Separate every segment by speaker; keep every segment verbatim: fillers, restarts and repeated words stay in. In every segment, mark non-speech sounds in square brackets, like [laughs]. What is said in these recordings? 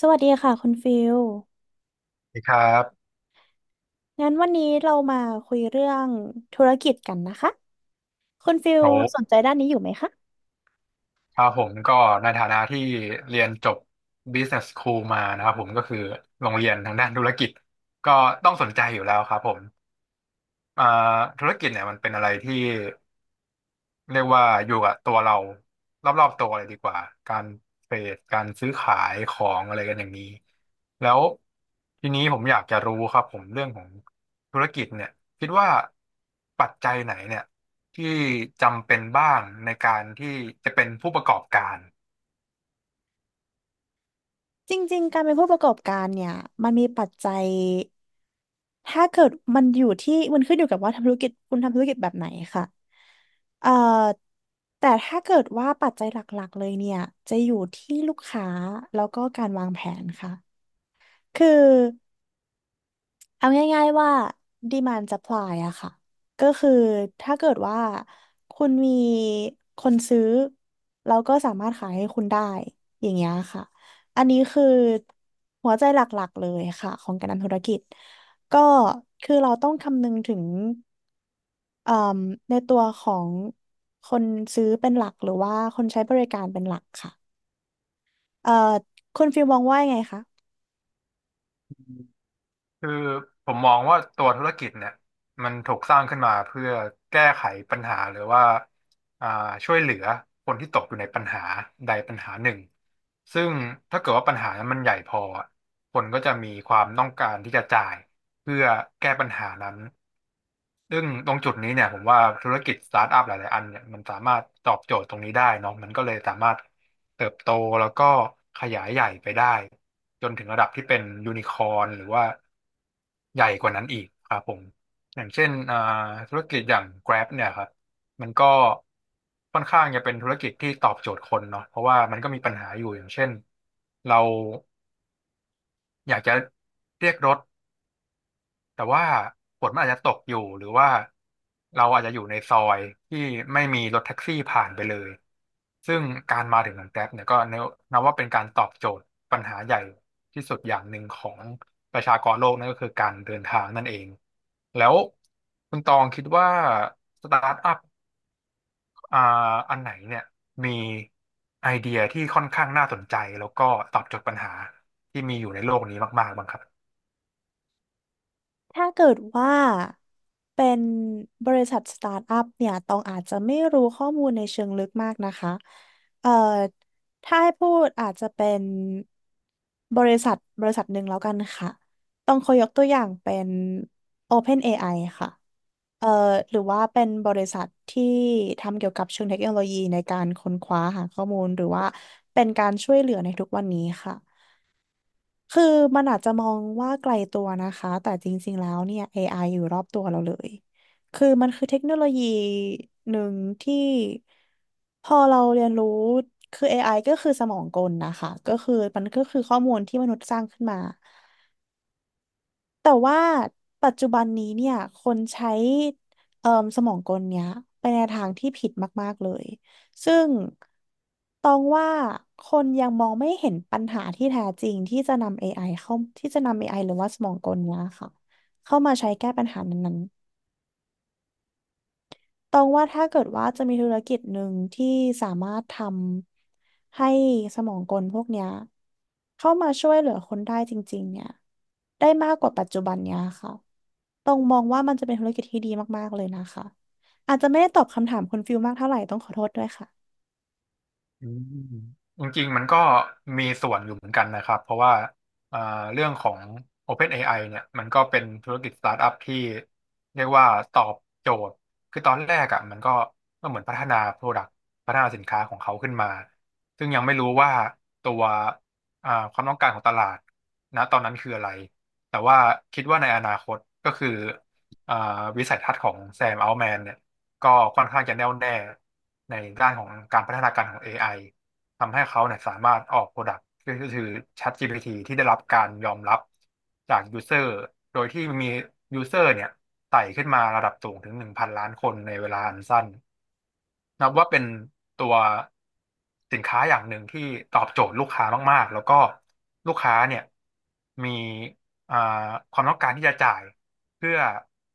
Speaker 1: สวัสดีค่ะคุณฟิล
Speaker 2: สวัสดีครับ
Speaker 1: งั้นวันนี้เรามาคุยเรื่องธุรกิจกันนะคะคุณฟิล
Speaker 2: โอ
Speaker 1: สนใจ
Speaker 2: ้
Speaker 1: ด้านนี้อยู่ไหมคะ
Speaker 2: ครับผมก็ในฐานะที่เรียนจบ Business School มานะครับผมก็คือโรงเรียนทางด้านธุรกิจก็ต้องสนใจอยู่แล้วครับผมอ่าธุรกิจเนี่ยมันเป็นอะไรที่ เรียกว่าอยู่กับตัวเรารอบๆตัวเลยดีกว่าการเทรดการซื้อขายของอะไรกันอย่างนี้แล้วทีนี้ผมอยากจะรู้ครับผมเรื่องของธุรกิจเนี่ยคิดว่าปัจจัยไหนเนี่ยที่จำเป็นบ้างในการที่จะเป็นผู้ประกอบการ
Speaker 1: จริงๆ การเป็นผู้ประกอบการเนี่ยมันมีปัจจัยถ้าเกิดมันอยู่ที่มันขึ้นอยู่กับว่าทำธุรกิจคุณทำธุรกิจแบบไหนค่ะเอ่อแต่ถ้าเกิดว่าปัจจัยหลักๆ เลยเนี่ยจะอยู่ที่ลูกค้าแล้วก็การวางแผนค่ะคือ เอาง่ายๆว่า demand supply อะค่ะ ก็คือถ้าเกิดว่าคุณมีคนซื้อเราก็สามารถขายให้คุณได้อย่างเงี้ยค่ะ อันนี้คือหัวใจหลักๆเลยค่ะของการทำธุรกิจ ก็คือเราต้องคำนึงถึงเอ่มในตัวของคนซื้อเป็นหลักหรือว่าคนใช้บริการเป็นหลักค่ะเอ่อคุณฟิลมองว่ายังไงคะ
Speaker 2: คือผมมองว่าตัวธุรกิจเนี่ยมันถูกสร้างขึ้นมาเพื่อแก้ไขปัญหาหรือว่าอ่าช่วยเหลือคนที่ตกอยู่ในปัญหาใดปัญหาหนึ่งซึ่งถ้าเกิดว่าปัญหานั้นมันใหญ่พออะคนก็จะมีความต้องการที่จะจ่ายเพื่อแก้ปัญหานั้น ซึ่งตรงจุดนี้เนี่ยผมว่าธุรกิจสตาร์ทอัพหลาย ๆอันเนี่ยมันสามารถตอบโจทย์ตรงนี้ได้เนาะมันก็เลยสามารถเติบโตแล้วก็ขยายใหญ่ไปได้จนถึงระดับที่เป็นยูนิคอ n หรือว่าใหญ่กว่านั้นอีกครับผมอย่างเช่นอ่าธุรกิจอย่าง Grab เนี่ยครับมันก็ค่อนข้างจะเป็นธุรกิจที่ตอบโจทย์คนเนาะเพราะว่ามันก็มีปัญหาอยู่อย่างเช่นเราอยากจะเรียกรถ แต่ว่าฝนมันอาจจะตกอยู่หรือว่าเราอาจจะอยู่ในซอยที่ไม่มีรถแท็กซี่ผ่านไปเลยซึ่งการมาถึงของแกร็บเนี่ยก็นับว่าเป็นการตอบโจทย์ปัญหาใหญ่ที่สุดอย่างหนึ่งของประชากรโลกนั่นก็คือการเดินทางนั่นเองแล้วคุณตองคิดว่าสตาร์ทอัพอ่าอันไหนเนี่ยมีไอเดียที่ค่อนข้างน่าสนใจแล้วก็ตอบโจทย์ปัญหาที่มีอยู่ในโลกนี้มากๆบ้างครับ
Speaker 1: ถ้าเกิดว่าเป็นบริษัทสตาร์ทอัพเนี่ยตองอาจจะไม่รู้ข้อมูลในเชิงลึกมากนะคะเอ่อถ้าให้พูดอาจจะเป็นบริษัทบริษัทหนึ่งแล้วกันค่ะต้องขอยกตัวอย่างเป็น OpenAI ค่ะเอ่อหรือว่าเป็นบริษัทที่ทำเกี่ยวกับเชิงเทคโนโลยีในการค้นคว้าหาข้อมูลหรือว่าเป็นการช่วยเหลือในทุกวันนี้ค่ะ คือมันอาจจะมองว่าไกลตัวนะคะแต่จริงๆแล้วเนี่ย เอ ไอ อไออยู่รอบตัวเราเลย คือมันคือเทคโนโลยีหนึ่งที่พอเราเรียนรู้คือ เอ ไอ ก็คือสมองกลนะคะก็คือมันก็คือข้อมูลที่มนุษย์สร้างขึ้นมา แต่ว่าปัจจุบันนี้เนี่ยคนใช้เอ่อสมองกลเนี้ยไปในทางที่ผิดมากๆเลยซึ่งตองว่าคนยังมองไม่เห็นปัญหาที่แท้จริงที่จะนำ เอ ไอ เข้าที่จะนำ เอ ไอ หรือว่าสมองกลเนี้ยค่ะเข้ามาใช้แก้ปัญหานั้นๆตองว่าถ้าเกิดว่าจะมีธุรกิจหนึ่งที่สามารถทำให้สมองกลพวกเนี้ยเข้ามาช่วยเหลือคนได้จริงๆเนี่ยได้มากกว่าปัจจุบันเนี้ยค่ะต้องค่ะ
Speaker 2: อืมจริงๆมันก็มีส่วนอยู่เหมือนกันนะครับเพราะว่าเอ่อเรื่องของ OpenAI เนี่ยมันก็เป็นธุรกิจสตาร์ทอัพที่เรียกว่าตอบโจทย์คือตอนแรกอ่ะมันก็ก็เหมือนพัฒนา Product พัฒนาสินค้าของเขาขึ้นมาซึ่งยังไม่รู้ว่าตัวอ่าความต้องการของตลาดนะตอนนั้นคืออะไรแต่ว่าคิดว่าในอนาคตก็คืออ่าวิสัยทัศน์ของแซมอัลแมนเนี่ยก็ค่อนข้างจะแน่วแน่ ในด้านของการพัฒนาการของ เอ ไอ ทำให้เขาเนี่ยสามารถออกโปรดักต์ก็คือ ChatGPT ที่ได้รับการยอมรับจากยูเซอร์โดยที่มียูเซอร์เนี่ยไต่ขึ้นมาระดับสูงถึงหนึ่งพันล้านล้านคนในเวลาอันสั้น นับว่าเป็นตัวสินค้าอย่างหนึ่งที่ตอบโจทย์ลูกค้ามากๆ แล้วก็ลูกค้าเนี่ยมีอ่าความต้องการที่จะจ่ายเพื่อ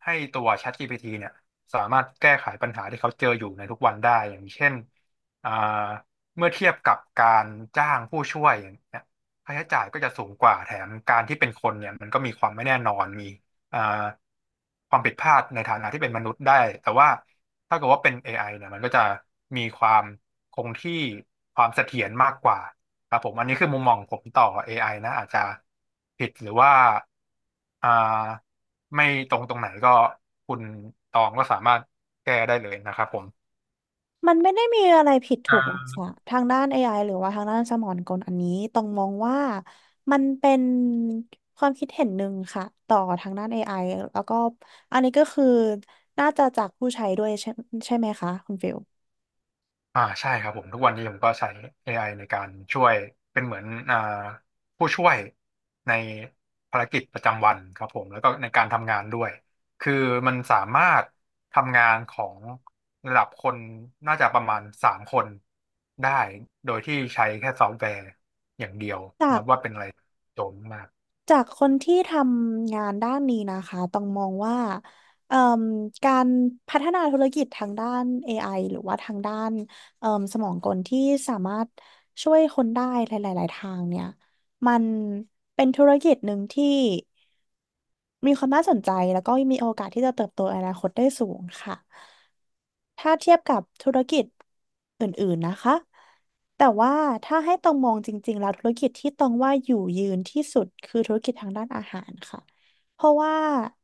Speaker 2: ให้ตัว ChatGPT เนี่ยสามารถแก้ไขปัญหาที่เขาเจออยู่ในทุกวันได้อย่างเช่นอ่าเมื่อเทียบกับการจ้างผู้ช่วยอย่างเนี่ยค่าใช้จ่ายก็จะสูงกว่าแถมการที่เป็นคนเนี่ยมันก็มีความไม่แน่นอนมี อ่าความผิดพลาดในฐานะที่เป็นมนุษย์ได้ แต่ว่าถ้าเกิดว่าเป็น เอ ไอ เนี่ยมันก็จะมีความคงที่ความเสถียรมากกว่าครับผมอันนี้คือมุมมองผมต่อ เอ ไอ นะอาจจะผิดหรือว่าอ่าไม่ตรงตรงไหนก็คุณตองก็สามารถแก้ได้เลยนะครับผม
Speaker 1: มันไม่ได้มีอะไรผิด
Speaker 2: อ่
Speaker 1: ถูกหรอกค่ะ
Speaker 2: า
Speaker 1: ทางด้าน เอ ไอ หรือว่าทางด้านสมองกลอันนี้ต้องมองว่ามันเป็นความคิดเห็นหนึ่งค่ะต่อทางด้าน เอ ไอ แล้วก็อันนี้ก็คือน่าจะจากผู้ใช้ด้วยใช่ใช่ไหมคะคุณฟิล
Speaker 2: อ่าใช่ครับผมทุกวันนี้ผมก็ใช้ เอ ไอ ในการช่วยเป็นเหมือนอ่าผู้ช่วยในภารกิจประจำวันครับผมแล้วก็ในการทำงานด้วยคือมันสามารถทำงานของระดับคนน่าจะประมาณสามคนได้โดยที่ใช้แค่ซอฟต์แวร์อย่างเดียว
Speaker 1: จา
Speaker 2: นั
Speaker 1: ก
Speaker 2: บว่าเป็นอะไรโจมมาก
Speaker 1: จากคนที่ทำงานด้านนี้นะคะต้องมองว่าเอ่มการพัฒนาธุรกิจทางด้าน เอ ไอ หรือว่าทางด้านเอ่มสมองกลที่สามารถช่วยคนได้หลายๆทางเนี่ยมันเป็นธุรกิจหนึ่งที่ มีความน่าสนใจแล้วก็มีโอกาสที่จะเติบโตในอนาคตได้สูงค่ะ ถ้าเทียบกับธุรกิจอื่นๆนะคะ แต่ว่าถ้าให้ตองมองจริงๆแล้วธุรกิจที่ตองว่าอยู่ยืนที่สุดคือธุรกิจทางด้านอาหารค่ะ เพราะว่า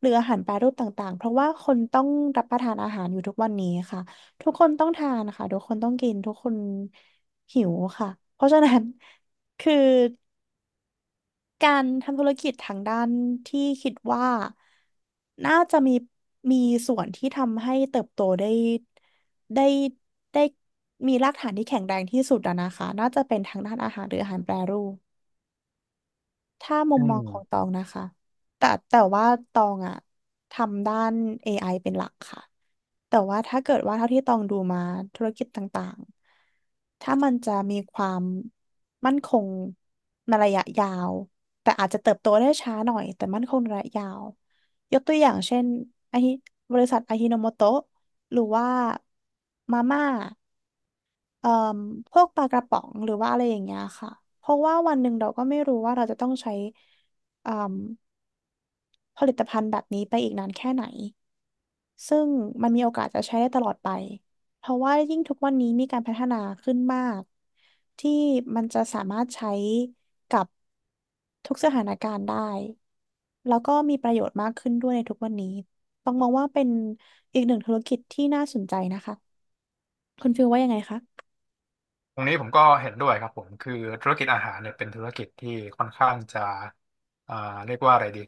Speaker 1: หรืออาหารแปรรูปต่างๆเพราะว่าคนต้องรับประทานอาหารอยู่ทุกวันนี้ค่ะ ทุกคนต้องทานค่ะ ทุกคนต้องกินทุกคนหิวค่ะเพราะฉะนั้น [laughs] คือ การทำธุรกิจทางด้านที่คิดว่าน่าจะมีมีส่วนที่ทำให้เติบโตได้ได้ได้มีรากฐานที่แข็งแรงที่สุดอะนะคะน่าจะเป็นทางด้านอาหารหรืออาหารแปรรูปถ้ามุม
Speaker 2: อื
Speaker 1: มอ
Speaker 2: ม
Speaker 1: งของตองนะคะแต่แต่ว่าตองอะทำด้าน เอ ไอ เป็นหลักค่ะ แต่ว่าถ้าเกิดว่าเท่าที่ตองดูมาธุรกิจต่างๆ ถ้ามันจะมีความมั่นคงในระยะยาวแต่อาจจะเติบโตได้ช้าหน่อยแต่มั่นคงในระยะยาวยกตัวอย่างเช่นไอาฮิบริษัทอาฮิโนโมโตะหรือว่ามาม่าเอ่อพวกปลากระป๋องหรือว่าอะไรอย่างเงี้ยค่ะเพราะว่าวันหนึ่งเราก็ไม่รู้ว่าเราจะต้องใช้เอ่มผลิตภัณฑ์แบบนี้ไปอีกนานแค่ไหน ซึ่งมันมีโอกาสจะใช้ได้ตลอดไป เพราะว่ายิ่งทุกวันนี้มีการพัฒนาขึ้นมากที่มันจะสามารถใช้กับทุกสถานการณ์ได้ แล้วก็มีประโยชน์มากขึ้นด้วยในทุกวันนี้ต้องมองว่าเป็นอีกหนึ่งธุรกิจที่น่าสนใจนะคะ คุณฟิลว่ายังไงคะ
Speaker 2: ตรงนี้ผมก็เห็นด้วยครับผมคือธุรกิจอาหารเนี่ยเป็นธุรกิจที่ค่อนข้างจะอ่าเรียกว่าอะไรดี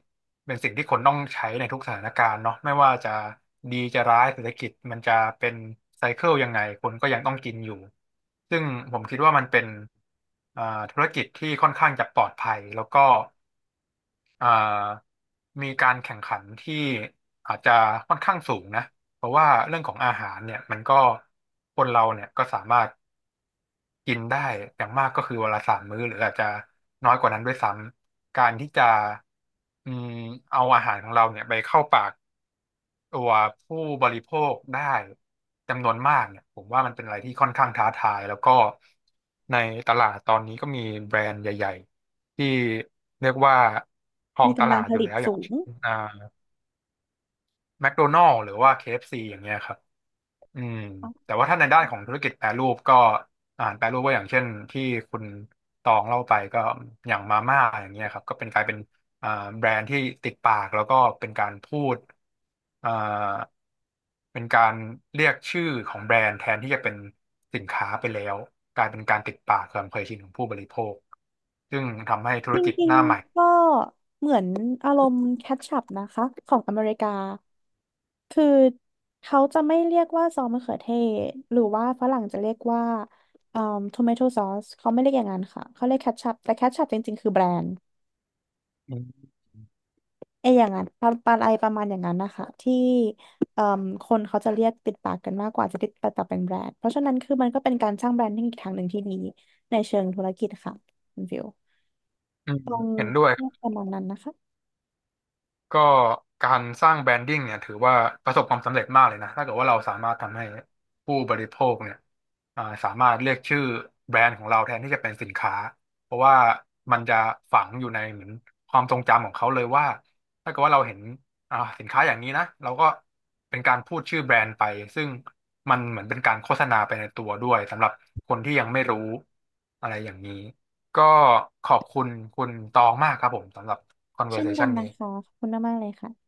Speaker 2: เป็นสิ่งที่คนต้องใช้ในทุกสถานการณ์เนาะไม่ว่าจะดีจะร้ายเศรษฐกิจมันจะเป็นไซเคิลยังไงคนก็ยังต้องกินอยู่ซึ่งผมคิดว่ามันเป็นอ่าธุรกิจที่ค่อนข้างจะปลอดภัยแล้วก็อ่ามีการแข่งขันที่อาจจะค่อนข้างสูงนะเพราะว่าเรื่องของอาหารเนี่ยมันก็คนเราเนี่ยก็สามารถ กินได้อย่างมากก็คือวันละสามมื้อหรืออาจจะน้อยกว่านั้นด้วยซ้ำการที่จะอืมเอาอาหารของเราเนี่ยไปเข้าปากตัวผู้บริโภคได้จำนวนมากเนี่ยผมว่ามันเป็นอะไรที่ค่อนข้างท้าทายแล้วก็ในตลาดตอนนี้ก็มีแบรนด์ใหญ่ๆที่เรียกว่าครอ
Speaker 1: มี
Speaker 2: งต
Speaker 1: กำ
Speaker 2: ลา
Speaker 1: ลัง
Speaker 2: ด
Speaker 1: ผ
Speaker 2: อยู่
Speaker 1: ลิต
Speaker 2: แล้วอย่า
Speaker 1: สู
Speaker 2: ง
Speaker 1: ง
Speaker 2: เช่นอ่าแมคโดนัลด์หรือว่า เค เอฟ ซี อฟซีอย่างเงี้ยครับ อืมแต่ว่าถ้าในด้านของธุรกิจแปรรูปก็อาหารแปรรูปก็อย่างเช่นที่คุณตองเล่าไปก็อย่างมาม่าอย่างเงี้ยครับก็เป็นกลายเป็นอ่าแบรนด์ที่ติดปากแล้วก็เป็นการพูดอ่าเป็นการเรียกชื่อของแบรนด์แทนที่จะเป็นสินค้าไปแล้วกลายเป็นการติดปากความเคยชินของผู้บริโภคซึ่งทำให้ธุ
Speaker 1: จ
Speaker 2: รกิจ
Speaker 1: ริ
Speaker 2: ห
Speaker 1: ง
Speaker 2: น้าใหม่
Speaker 1: ๆก็เหมือนอารมณ์แคชชัพนะคะของอเมริกาคือเขาจะไม่เรียกว่าซอสมะเขือเทศหรือว่าฝรั่งจะเรียกว่าเอ่อทอมเมโทซอสเขาไม่เรียกอย่างนั้นค่ะเขาเรียกแคชชัพแต่แคชชัพจริงๆคือแบรนด์
Speaker 2: อืม
Speaker 1: ไออย่างนั้นปลาปลาอะไรประมาณอย่างนั้นนะคะที่เอ่มคนเขาจะเรียกติดปากกันมากกว่าจะติดปากต่อเป็นแบรนด์เพราะฉะนั้นคือมันก็เป็นการสร้างแบรนดิ้งอีกทางหนึ่งที่ดีในเชิงธุรกิจค่ะคุณฟิว
Speaker 2: อืม
Speaker 1: ตรง
Speaker 2: เห็นด้วย
Speaker 1: ประมาณนั้นนะคะ
Speaker 2: ก็การสร้างแบรนดิ้งเนี่ยถือว่าประสบความสำเร็จมากเลยนะถ้าเกิดว่าเราสามารถทำให้ผู้บริโภคเนี่ยอ่าสามารถเรียกชื่อแบรนด์ของเราแทนที่จะเป็นสินค้าเพราะว่ามันจะฝังอยู่ในเหมือนความทรงจำของเขาเลยว่าถ้าเกิดว่าเราเห็นอ่าสินค้าอย่างนี้นะเราก็เป็นการพูดชื่อแบรนด์ไปซึ่งมันเหมือนเป็นการโฆษณาไปในตัวด้วยสำหรับคนที่ยังไม่รู้อะไรอย่างนี้ก็ขอบคุณคุณตองมากครับผมสำหรับ
Speaker 1: เช่นกัน
Speaker 2: conversation นี้
Speaker 1: นะคะขอบคุณมากๆเลยค่ะ